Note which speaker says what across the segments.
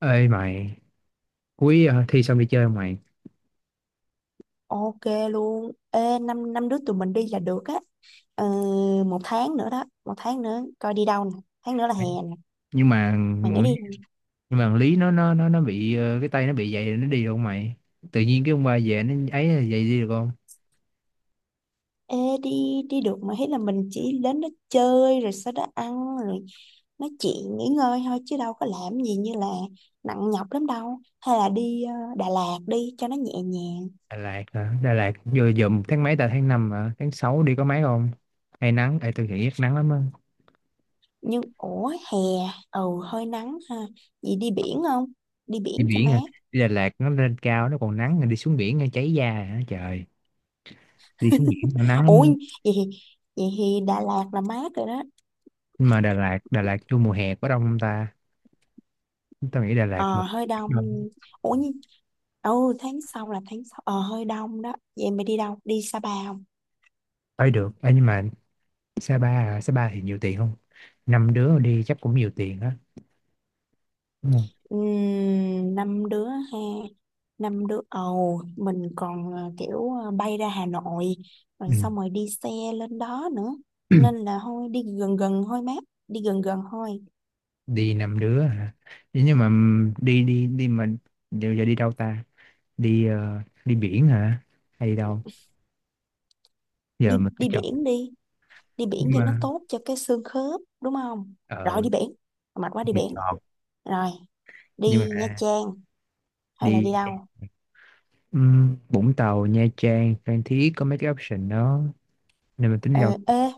Speaker 1: Ê mày, cuối thi xong đi chơi không mày?
Speaker 2: Ok luôn. Ê, năm năm đứa tụi mình đi là được á. Ờ, một tháng nữa đó, một tháng nữa coi đi đâu nè. Tháng nữa là hè nè.
Speaker 1: Nhưng mà
Speaker 2: Mày nghĩ đi,
Speaker 1: nhưng mà thằng Lý nó bị cái tay nó bị vậy, nó đi được không mày? Tự nhiên cái ông ba về nó ấy là vậy đi được không?
Speaker 2: ê, đi đi được mà hết là mình chỉ đến đó chơi rồi sau đó ăn rồi nói chuyện nghỉ ngơi thôi chứ đâu có làm gì như là nặng nhọc lắm đâu. Hay là đi Đà Lạt đi cho nó nhẹ nhàng.
Speaker 1: Đà Lạt hả? Đà Lạt vừa dùm tháng mấy ta, tháng năm hả? Tháng 6 đi có mấy không? Hay nắng, ê tôi nghĩ rất nắng lắm á.
Speaker 2: Nhưng ủa hè, ừ hơi nắng ha. Vậy đi biển không? Đi
Speaker 1: Đi
Speaker 2: biển cho
Speaker 1: biển hả?
Speaker 2: mát.
Speaker 1: Đi Đà Lạt nó lên cao nó còn nắng, rồi đi xuống biển nó cháy da hả? Trời, đi xuống biển nó nắng lắm
Speaker 2: Ủa
Speaker 1: á.
Speaker 2: vậy thì- vậy thì Đà Lạt là mát rồi đó.
Speaker 1: Nhưng mà Đà Lạt, Đà Lạt vô mùa hè có đông không ta? Tôi nghĩ Đà Lạt
Speaker 2: Ờ,
Speaker 1: một,
Speaker 2: hơi
Speaker 1: hè
Speaker 2: đông.
Speaker 1: đông.
Speaker 2: Ủa nhưng... Ừ, tháng sau là tháng sau. Ờ, hơi đông đó. Vậy em mày đi đâu? Đi Sapa không?
Speaker 1: Ấy được. Ê, nhưng mà Sa Pa à, Sa Pa thì nhiều tiền không? Năm đứa đi chắc cũng nhiều tiền á, đúng không?
Speaker 2: Năm đứa ha. Năm đứa. Ồ, mình còn kiểu bay ra Hà Nội. Rồi xong rồi đi xe lên đó nữa.
Speaker 1: Ừ.
Speaker 2: Nên là thôi, đi gần gần thôi mát. Đi gần gần thôi.
Speaker 1: Đi năm đứa hả? Thế nhưng mà đi đi đi mà giờ đi đâu ta? Đi đi biển hả? Hay đi đâu? Giờ mình phải chọn.
Speaker 2: Đi. Đi biển
Speaker 1: Nhưng
Speaker 2: cho nó
Speaker 1: mà
Speaker 2: tốt cho cái xương khớp. Đúng không? Rồi
Speaker 1: ờ,
Speaker 2: đi biển. Mệt quá đi
Speaker 1: đi
Speaker 2: biển.
Speaker 1: chọn.
Speaker 2: Rồi,
Speaker 1: Nhưng
Speaker 2: đi Nha
Speaker 1: mà
Speaker 2: Trang. Hay là
Speaker 1: đi
Speaker 2: đi đâu?
Speaker 1: Vũng Tàu, Nha Trang, Phan Thiết, có mấy cái option đó. Nên mình tính đi
Speaker 2: Ờ,
Speaker 1: đâu?
Speaker 2: ê,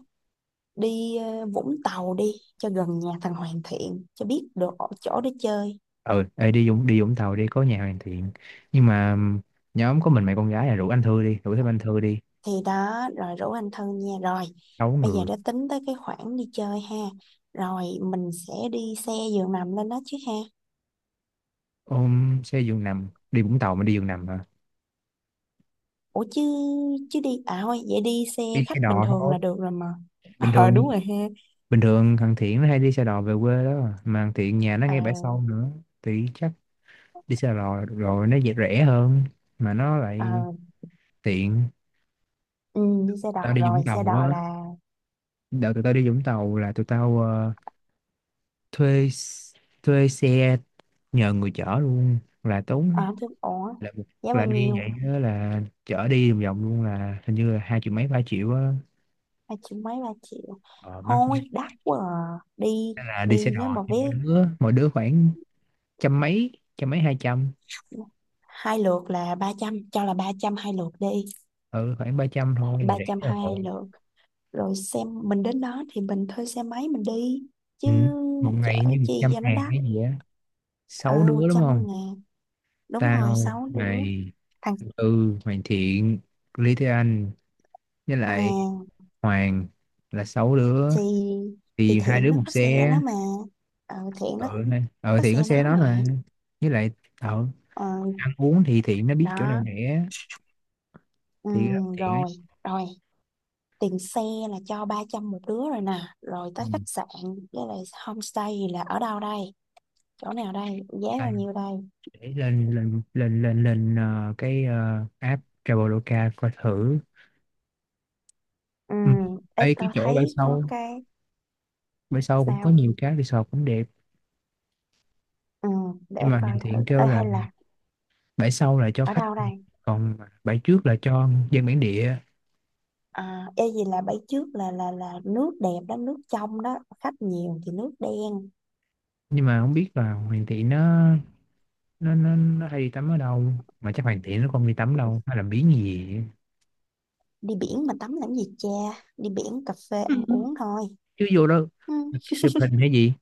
Speaker 2: đi Vũng Tàu đi cho gần nhà thằng Hoàn Thiện cho biết được ở chỗ để chơi.
Speaker 1: Ờ ê, đi Vũng, đi Vũng Tàu đi, có nhà Hoàn Thiện. Nhưng mà nhóm có mình mấy con gái là rủ anh Thư đi, rủ thêm anh Thư đi.
Speaker 2: Thì đó rồi rủ anh thân nha. Rồi
Speaker 1: Sáu
Speaker 2: bây giờ
Speaker 1: người.
Speaker 2: đã tính tới cái khoản đi chơi ha, rồi mình sẽ đi xe giường nằm lên đó chứ ha.
Speaker 1: Ôm xe giường nằm đi Vũng Tàu mà đi giường nằm hả?
Speaker 2: Ủa chứ chứ đi, à thôi vậy đi xe
Speaker 1: Đi
Speaker 2: khách
Speaker 1: xe
Speaker 2: bình
Speaker 1: đò
Speaker 2: thường
Speaker 1: thôi,
Speaker 2: là được rồi mà.
Speaker 1: bình
Speaker 2: Ờ đúng
Speaker 1: thường.
Speaker 2: rồi ha.
Speaker 1: Bình thường thằng Thiện nó hay đi xe đò về quê đó mà. Mà thằng Thiện nhà nó ngay bãi
Speaker 2: à,
Speaker 1: sau nữa, thì chắc đi xe đò rồi nó dễ, rẻ hơn, mà nó lại
Speaker 2: à,
Speaker 1: tiện.
Speaker 2: ừ, đi xe
Speaker 1: Tao
Speaker 2: đò
Speaker 1: đi
Speaker 2: rồi,
Speaker 1: Vũng
Speaker 2: xe
Speaker 1: Tàu
Speaker 2: đò
Speaker 1: á,
Speaker 2: là
Speaker 1: đợt tụi tao đi Vũng Tàu là tụi tao thuê s- thuê xe nhờ người chở luôn là tốn,
Speaker 2: à thứ. Ủa
Speaker 1: là
Speaker 2: giá bao
Speaker 1: là đi
Speaker 2: nhiêu?
Speaker 1: vậy đó, là chở đi vòng vòng luôn, là hình như là hai triệu mấy ba triệu á.
Speaker 2: Ba triệu mấy, ba triệu
Speaker 1: Ờ mắc.
Speaker 2: thôi đắt quá à. Đi,
Speaker 1: Nên là đi xe
Speaker 2: đi nếu
Speaker 1: đò
Speaker 2: mà
Speaker 1: thì
Speaker 2: vé
Speaker 1: mỗi đứa, mỗi đứa khoảng trăm mấy, trăm mấy hai trăm.
Speaker 2: hai lượt là 300, cho là 300 hai lượt đi.
Speaker 1: Ừ, khoảng ba trăm thôi là
Speaker 2: Ba trăm
Speaker 1: rẻ rồi.
Speaker 2: hai lượt. Rồi xem mình đến đó thì mình thuê xe máy mình đi chứ
Speaker 1: Ừ, một
Speaker 2: chở
Speaker 1: ngày như một
Speaker 2: chi
Speaker 1: trăm
Speaker 2: cho nó
Speaker 1: ngàn
Speaker 2: đắt.
Speaker 1: cái gì á.
Speaker 2: Ờ
Speaker 1: Sáu
Speaker 2: một
Speaker 1: đứa đúng không?
Speaker 2: trăm ngàn Đúng rồi,
Speaker 1: Tao,
Speaker 2: sáu đứa,
Speaker 1: mày,
Speaker 2: thằng,
Speaker 1: Tư, mày Thiện, Lý, Thế Anh, với lại
Speaker 2: à,
Speaker 1: Hoàng, là sáu đứa,
Speaker 2: thì thì
Speaker 1: thì hai
Speaker 2: Thiện
Speaker 1: đứa
Speaker 2: nó
Speaker 1: một
Speaker 2: có xe
Speaker 1: xe.
Speaker 2: đó mà. Ờ Thiện nó
Speaker 1: Ừ, này, ờ
Speaker 2: có
Speaker 1: Thiện
Speaker 2: xe
Speaker 1: có
Speaker 2: đó
Speaker 1: xe đó
Speaker 2: mà.
Speaker 1: mà. Với lại ờ,
Speaker 2: Ờ
Speaker 1: ăn uống thì Thiện nó biết chỗ nào
Speaker 2: đó.
Speaker 1: rẻ,
Speaker 2: Ừ,
Speaker 1: thì Thiện ấy.
Speaker 2: rồi rồi tiền xe là cho 300 một đứa rồi nè, rồi
Speaker 1: Ừ.
Speaker 2: tới khách sạn với lại homestay là ở đâu đây, chỗ nào đây, giá bao nhiêu đây?
Speaker 1: Để lên lên lên lên lên cái app Traveloka coi thử.
Speaker 2: Ừ,
Speaker 1: Ừ.
Speaker 2: ê
Speaker 1: Ê, cái
Speaker 2: tao
Speaker 1: chỗ bãi
Speaker 2: thấy có
Speaker 1: sau,
Speaker 2: cái.
Speaker 1: bãi sau cũng có
Speaker 2: Sao?
Speaker 1: nhiều cái resort cũng đẹp.
Speaker 2: Ừ
Speaker 1: Nhưng
Speaker 2: để
Speaker 1: mà điều
Speaker 2: coi thử.
Speaker 1: thiện kêu
Speaker 2: Ê
Speaker 1: là
Speaker 2: hay là
Speaker 1: bãi sau là cho
Speaker 2: ở
Speaker 1: khách,
Speaker 2: đâu đây?
Speaker 1: còn bãi trước là cho dân bản địa.
Speaker 2: À, ê gì là bãi trước là nước đẹp đó, nước trong đó, khách nhiều thì nước đen.
Speaker 1: Nhưng mà không biết là Hoàng Thị nó, nó hay đi tắm ở đâu, mà chắc Hoàng Thị nó không đi tắm đâu, hay là biến gì vậy?
Speaker 2: Đi biển mà tắm làm gì cha, đi biển cà phê ăn uống thôi.
Speaker 1: Chứ vô đó
Speaker 2: Ừ.
Speaker 1: chụp hình hay gì.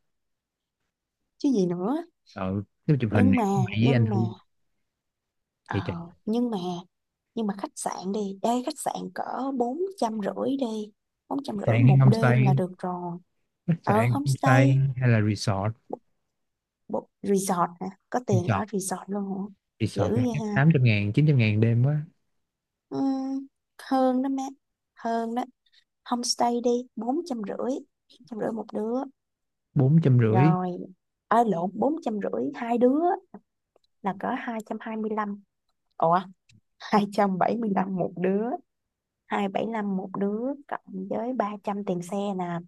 Speaker 2: Chứ gì nữa.
Speaker 1: Ờ, nếu chụp hình
Speaker 2: nhưng
Speaker 1: thì
Speaker 2: mà
Speaker 1: có mày với anh
Speaker 2: nhưng mà
Speaker 1: thôi.
Speaker 2: ờ,
Speaker 1: Thì chạy.
Speaker 2: nhưng mà nhưng mà khách sạn đi, ê khách sạn cỡ 450 đi, bốn trăm rưỡi
Speaker 1: Sạn
Speaker 2: một đêm là
Speaker 1: homestay,
Speaker 2: được rồi.
Speaker 1: khách
Speaker 2: Ở
Speaker 1: sạn homestay
Speaker 2: homestay,
Speaker 1: hay là resort?
Speaker 2: bộ resort nè, có tiền
Speaker 1: Resort,
Speaker 2: ở resort luôn hả? Dữ
Speaker 1: resort cái
Speaker 2: vậy
Speaker 1: hát
Speaker 2: ha.
Speaker 1: 800 ngàn 900 ngàn đêm quá.
Speaker 2: Ừm, hơn đó má, hơn đó. Homestay đi, bốn trăm rưỡi, trăm rưỡi một đứa.
Speaker 1: Bốn trăm rưỡi.
Speaker 2: Rồi ở lộn, bốn trăm rưỡi hai đứa là cỡ 225. Ủa, 275 một đứa, hai bảy lăm một đứa. Cộng với ba trăm tiền xe nè,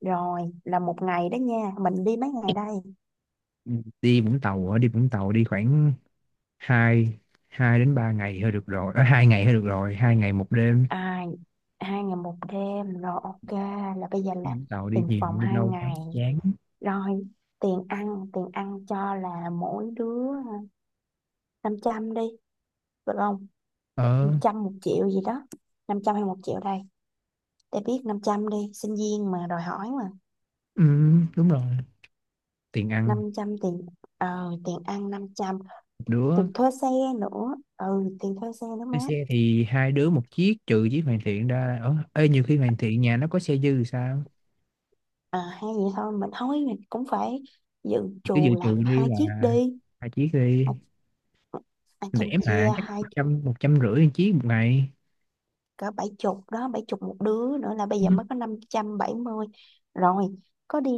Speaker 2: rồi là một ngày đó nha. Mình đi mấy ngày đây?
Speaker 1: Ừ. Đi Vũng Tàu ở, đi Vũng Tàu đi khoảng hai, hai đến ba ngày thôi được rồi, ở hai ngày thôi được rồi, hai ngày một đêm.
Speaker 2: À, hai ngày một đêm rồi ok. Là bây giờ
Speaker 1: Ừ,
Speaker 2: là
Speaker 1: Tàu đi
Speaker 2: tiền
Speaker 1: nhiều,
Speaker 2: phòng
Speaker 1: đi
Speaker 2: hai
Speaker 1: lâu quá
Speaker 2: ngày,
Speaker 1: chán.
Speaker 2: rồi tiền ăn, tiền ăn cho là mỗi đứa 500 đi, được không? Năm
Speaker 1: Ờ,
Speaker 2: trăm, một triệu gì đó, năm trăm hay một triệu đây? Để biết, 500 đi, sinh viên mà đòi hỏi mà.
Speaker 1: ừ, đúng rồi. Tiền ăn
Speaker 2: Năm trăm tiền, tiền ăn năm trăm.
Speaker 1: một đứa.
Speaker 2: Tiền thuê xe nữa, ừ tiền thuê xe nữa má.
Speaker 1: Cái xe thì hai đứa một chiếc, trừ chiếc hoàn thiện ra. Nhiều khi hoàn thiện nhà nó có xe dư thì sao.
Speaker 2: À, hay vậy, thôi mình cũng phải dự
Speaker 1: Cứ dự
Speaker 2: trù
Speaker 1: trù
Speaker 2: là
Speaker 1: đi
Speaker 2: hai
Speaker 1: là
Speaker 2: chiếc đi.
Speaker 1: hai chiếc đi,
Speaker 2: Hai, hai trăm
Speaker 1: rẻ mà,
Speaker 2: chia
Speaker 1: chắc một
Speaker 2: hai
Speaker 1: trăm, một trăm rưỡi chiếc một ngày.
Speaker 2: cỡ bảy chục đó, bảy chục một đứa nữa là bây
Speaker 1: Ừ.
Speaker 2: giờ mới có 570. Rồi có đi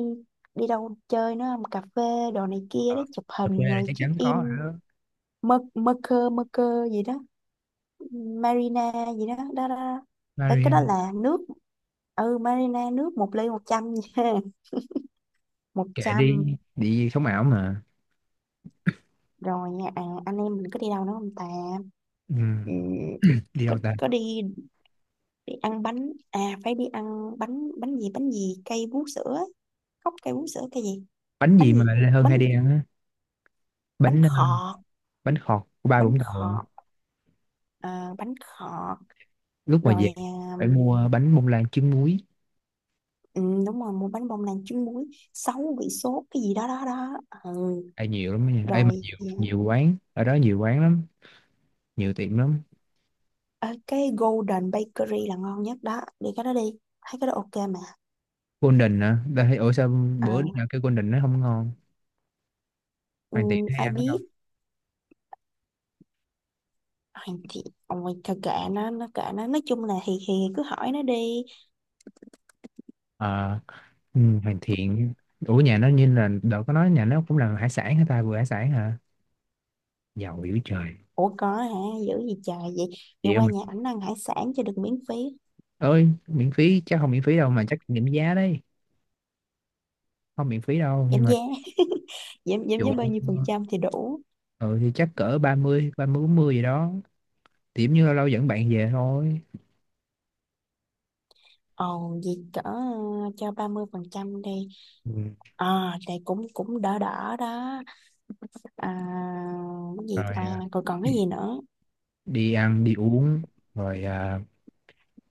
Speaker 2: đi đâu chơi nữa không, cà phê đồ này kia đó,
Speaker 1: Ờ,
Speaker 2: chụp
Speaker 1: ở quê
Speaker 2: hình
Speaker 1: là
Speaker 2: rồi
Speaker 1: chắc chắn
Speaker 2: check
Speaker 1: có
Speaker 2: in.
Speaker 1: rồi đó.
Speaker 2: Mơ mơ cơ, mơ cơ gì đó, Marina gì đó đó, đó, đó. Đấy, cái đó
Speaker 1: Marian,
Speaker 2: là nước, ừ Marina nước một ly 100 nha. Một
Speaker 1: kệ
Speaker 2: trăm.
Speaker 1: đi, đi sống ảo mà.
Speaker 2: Rồi à, anh em mình có đi đâu nữa không ta?
Speaker 1: Ừ,
Speaker 2: Ừ,
Speaker 1: đi đâu ta?
Speaker 2: có đi, đi ăn bánh. À phải đi ăn bánh, bánh gì, bánh gì cây vú sữa á, cốc cây vú sữa cây gì,
Speaker 1: Bánh gì
Speaker 2: bánh
Speaker 1: mà
Speaker 2: gì,
Speaker 1: Lê Hơn
Speaker 2: bánh
Speaker 1: hay đi ăn á?
Speaker 2: bánh
Speaker 1: Bánh
Speaker 2: khọt.
Speaker 1: bánh khọt của ba
Speaker 2: Bánh
Speaker 1: Vũng Tàu à.
Speaker 2: khọt à, bánh khọt.
Speaker 1: Lúc mà
Speaker 2: Rồi
Speaker 1: về
Speaker 2: à,
Speaker 1: phải mua bánh bông lan trứng muối.
Speaker 2: ừ, đúng rồi, mua bánh bông lan trứng muối sáu vị sốt cái gì đó đó đó. Ừ.
Speaker 1: Ai nhiều lắm đó nha, ai mà
Speaker 2: Rồi
Speaker 1: nhiều, nhiều quán ở đó, nhiều quán lắm, nhiều tiệm lắm.
Speaker 2: à, cái Golden Bakery là ngon nhất đó, đi cái đó đi, thấy cái đó ok mà.
Speaker 1: Golden à, ta thấy ủa sao
Speaker 2: À,
Speaker 1: bữa đứa nào kêu Golden nó không ngon.
Speaker 2: ừ,
Speaker 1: Hoàn Thiện hay
Speaker 2: ai
Speaker 1: ăn ở đâu?
Speaker 2: biết. Ai thì ôi, thôi kệ nó kệ nó, nói chung là thì cứ hỏi nó đi.
Speaker 1: Ờ, ừ, Hoàn Thiện. Ủa nhà nó như là đợt có nói nhà nó cũng làm hải sản hả ta, vừa hải sản hả? Giàu dữ trời.
Speaker 2: Ủa có hả? Dữ gì trời vậy. Vậy
Speaker 1: Vậy
Speaker 2: qua
Speaker 1: mà
Speaker 2: nhà ảnh ăn hải sản cho được miễn phí.
Speaker 1: ơi, miễn phí chắc không miễn phí đâu mà, chắc kiểm giá đấy. Không miễn phí đâu nhưng
Speaker 2: Giảm
Speaker 1: mà
Speaker 2: giá. giảm giảm
Speaker 1: dụ.
Speaker 2: giá bao nhiêu phần trăm thì đủ?
Speaker 1: Ừ, thì chắc cỡ ba, ba mươi, ba mươi bốn mươi gì đó. Điểm như lâu lâu dẫn bạn về thôi.
Speaker 2: Ồ vậy cỡ cho 30% đi.
Speaker 1: Ừ.
Speaker 2: Ờ thì cũng cũng đỡ đỡ đó. À, cái gì
Speaker 1: Rồi
Speaker 2: ta,
Speaker 1: à,
Speaker 2: còn còn cái gì nữa?
Speaker 1: đi ăn đi uống. Rồi à,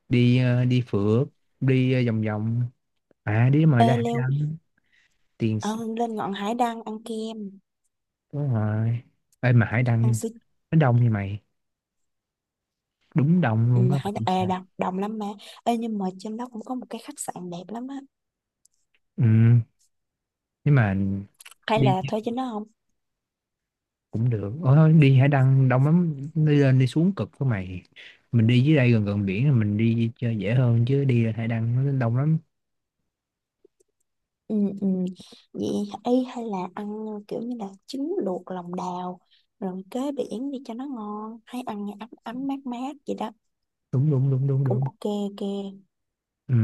Speaker 1: đi à, đi phượt, đi à, vòng vòng, à đi mà ra
Speaker 2: Ê
Speaker 1: hải
Speaker 2: leo,
Speaker 1: đăng. tiền
Speaker 2: ờ,
Speaker 1: s-
Speaker 2: lên ngọn hải đăng ăn kem,
Speaker 1: đúng rồi. Ê, mà hải
Speaker 2: ăn
Speaker 1: đăng
Speaker 2: sữa.
Speaker 1: nó đông như mày, đúng đông
Speaker 2: Ừ,
Speaker 1: luôn á, mà đi xa.
Speaker 2: đồng, đồng lắm mà. Ê nhưng mà trên đó cũng có một cái khách sạn đẹp lắm á,
Speaker 1: Ừ, nhưng mà
Speaker 2: hay
Speaker 1: đi
Speaker 2: là thuê trên đó không?
Speaker 1: cũng được. Ờ, đi Hải Đăng đông lắm, đi lên đi xuống cực của mày. Mình đi dưới đây gần gần biển là mình đi chơi dễ hơn, chứ đi lên Hải Đăng nó đông lắm.
Speaker 2: Ừ, ừ. Vậy hay là ăn kiểu như là trứng luộc lòng đào rồi kế biển đi cho nó ngon, hay ăn ấm ấm mát mát vậy đó.
Speaker 1: Đúng đúng đúng đúng
Speaker 2: Cũng
Speaker 1: đúng.
Speaker 2: ok ok.
Speaker 1: Ừ.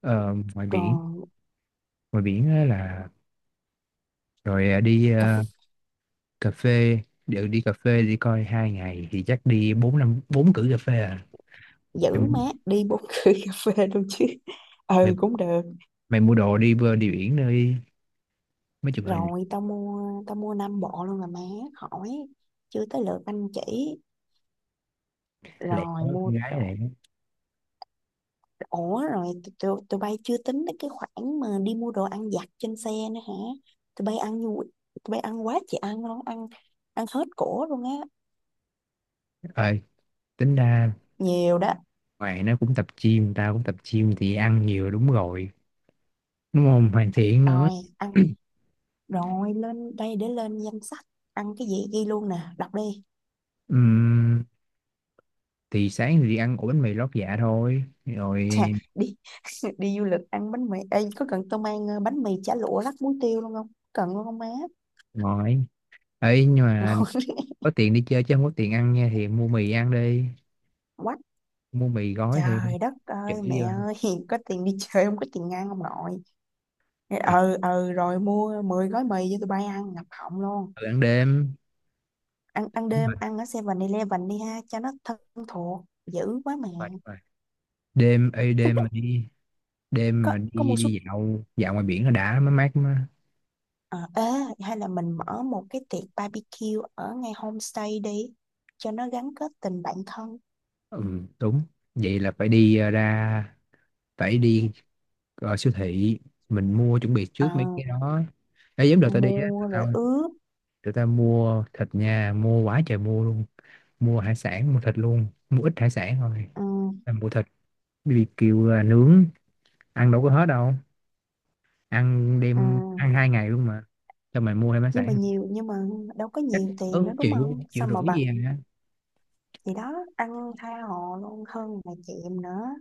Speaker 1: Ờ, ngoài biển,
Speaker 2: Rồi
Speaker 1: ngoài biển á là, rồi à, đi
Speaker 2: cà phê.
Speaker 1: à, cà phê, Đều đi cà phê đi, coi hai ngày thì chắc đi bốn năm, bốn cử cà phê à. mày,
Speaker 2: Giữ mát, đi bốn cây cà phê luôn chứ.
Speaker 1: mày,
Speaker 2: Ừ cũng được.
Speaker 1: mày mua đồ đi bơi đi biển nơi, mấy chụp hình.
Speaker 2: Rồi tao mua năm bộ luôn là má, khỏi, chưa tới lượt anh chỉ,
Speaker 1: Lẹ đó,
Speaker 2: rồi mua.
Speaker 1: con gái lẹ.
Speaker 2: Ủa rồi tụi bay chưa tính đến cái khoản mà đi mua đồ ăn vặt trên xe nữa hả? Tụi bay tụi bay ăn quá chị ăn luôn, ăn ăn hết cổ luôn á,
Speaker 1: Ờ tính ra,
Speaker 2: nhiều đó.
Speaker 1: ngoài nó cũng tập gym, tao cũng tập gym thì ăn nhiều, đúng rồi, đúng không? Hoàn thiện nữa.
Speaker 2: Rồi, ăn, rồi lên đây để lên danh sách, ăn cái gì ghi luôn nè, đọc đi.
Speaker 1: Ừm, thì sáng thì đi ăn ổ bánh mì lót dạ thôi
Speaker 2: Chà,
Speaker 1: rồi
Speaker 2: đi đi du lịch ăn bánh mì. Ê, có cần tôi mang bánh mì chả lụa rắc muối tiêu luôn không? Cần luôn không má?
Speaker 1: ngồi. Ấy nhưng mà
Speaker 2: Ngon.
Speaker 1: có tiền đi chơi chứ không có tiền ăn nha, thì mua mì ăn đi,
Speaker 2: Quá
Speaker 1: mua mì gói thì
Speaker 2: trời đất
Speaker 1: chữ
Speaker 2: ơi, mẹ
Speaker 1: đi ăn,
Speaker 2: ơi. Có tiền đi chơi không có tiền ăn không nội.
Speaker 1: thì
Speaker 2: Ừ ừ, rồi mua 10 gói mì cho tụi bay ăn ngập họng luôn.
Speaker 1: tự ăn đêm.
Speaker 2: Ăn ăn
Speaker 1: Đúng
Speaker 2: đêm,
Speaker 1: rồi,
Speaker 2: ăn ở 7-Eleven đi ha, cho nó thân thuộc dữ quá mẹ.
Speaker 1: đúng rồi, đúng rồi. Đêm ấy, đêm mà đi, đêm
Speaker 2: có
Speaker 1: mà
Speaker 2: có
Speaker 1: đi
Speaker 2: mua súp,
Speaker 1: đi dạo dạo ngoài biển nó đã mới mát mà.
Speaker 2: à, ê, hay là mình mở một cái tiệc barbecue ở ngay homestay đi cho nó gắn kết tình bạn thân.
Speaker 1: Ừ, đúng. Vậy là phải đi ra, phải đi siêu thị, mình mua chuẩn bị
Speaker 2: Ờ,
Speaker 1: trước mấy cái đó. Ê, giống đợt tao đi á,
Speaker 2: mua rồi
Speaker 1: tao,
Speaker 2: ướp.
Speaker 1: tụi ta mua thịt nha, mua quá trời mua luôn, mua hải sản, mua thịt luôn, mua ít hải sản thôi,
Speaker 2: Ừ,
Speaker 1: là mua thịt. BBQ là nướng, ăn đâu có hết đâu, ăn
Speaker 2: ừ.
Speaker 1: đêm ăn hai ngày luôn mà. Cho mày mua thêm hải
Speaker 2: Nhưng mà
Speaker 1: sản.
Speaker 2: nhiều, nhưng mà đâu có
Speaker 1: Chắc
Speaker 2: nhiều
Speaker 1: cỡ
Speaker 2: tiền nữa đúng
Speaker 1: triệu,
Speaker 2: không,
Speaker 1: triệu
Speaker 2: sao mà
Speaker 1: rưỡi gì
Speaker 2: bằng.
Speaker 1: à.
Speaker 2: Thì đó, ăn tha hồ luôn hơn là chịu nữa.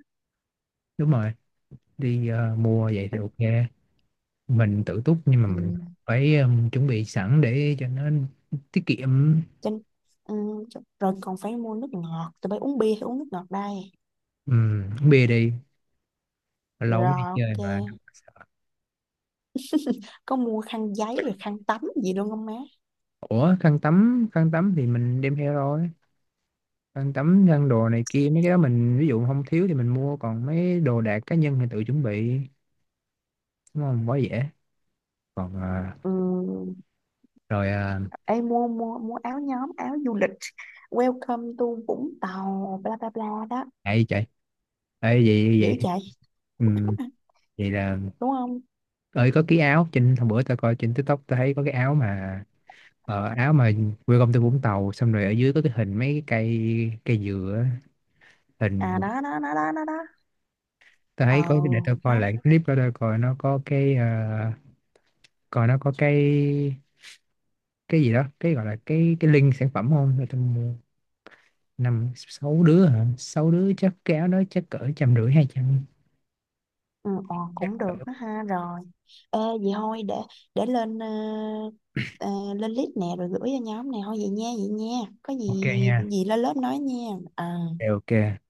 Speaker 1: Đúng rồi, đi mua vậy thì ok, mình tự túc, nhưng mà
Speaker 2: Ừ.
Speaker 1: mình phải chuẩn bị sẵn để cho nó tiết kiệm.
Speaker 2: Cho, nên, ừ, rồi còn phải mua nước ngọt, tụi bay uống bia hay uống nước ngọt đây?
Speaker 1: Uống bia đi, lâu mới
Speaker 2: Rồi
Speaker 1: đi chơi
Speaker 2: ok.
Speaker 1: mà.
Speaker 2: Có mua khăn giấy rồi khăn tắm gì luôn không má?
Speaker 1: Ủa khăn tắm, khăn tắm thì mình đem theo rồi. Khăn tắm, khăn đồ này kia mấy cái đó mình ví dụ không thiếu thì mình mua, còn mấy đồ đạc cá nhân thì tự chuẩn bị, đúng không, quá dễ. Còn à,
Speaker 2: Ừ,
Speaker 1: rồi à,
Speaker 2: ê mua mua mua áo nhóm, áo du lịch welcome to Vũng Tàu bla bla bla đó,
Speaker 1: ấy chạy, ấy vậy
Speaker 2: dữ
Speaker 1: vậy.
Speaker 2: chạy,
Speaker 1: Ừ, vậy là
Speaker 2: đúng không?
Speaker 1: ơi có cái áo, trên hôm bữa tao coi trên TikTok tao thấy có cái áo mà áo mà quê công ty Vũng Tàu, xong rồi ở dưới có cái hình mấy cái cây, cây dừa á,
Speaker 2: À
Speaker 1: hình.
Speaker 2: đó đó đó đó đó đó.
Speaker 1: Tao
Speaker 2: Ờ
Speaker 1: thấy có cái- để tao coi
Speaker 2: đó.
Speaker 1: lại cái clip đó, tao coi nó có cái coi nó có cái gì đó, cái gọi là cái link sản phẩm không, để tao mua. Năm sáu đứa hả, sáu đứa chắc kéo đó chắc cỡ trăm rưỡi hai trăm,
Speaker 2: Ừ,
Speaker 1: chắc
Speaker 2: cũng
Speaker 1: cỡ.
Speaker 2: được đó ha. Rồi ê vậy thôi, để lên ờ, lên list nè rồi gửi cho nhóm, này thôi vậy nha vậy nha. Có
Speaker 1: Ok
Speaker 2: gì
Speaker 1: nha.
Speaker 2: gì lên lớp nói nha. Ờ.
Speaker 1: Ok, ok.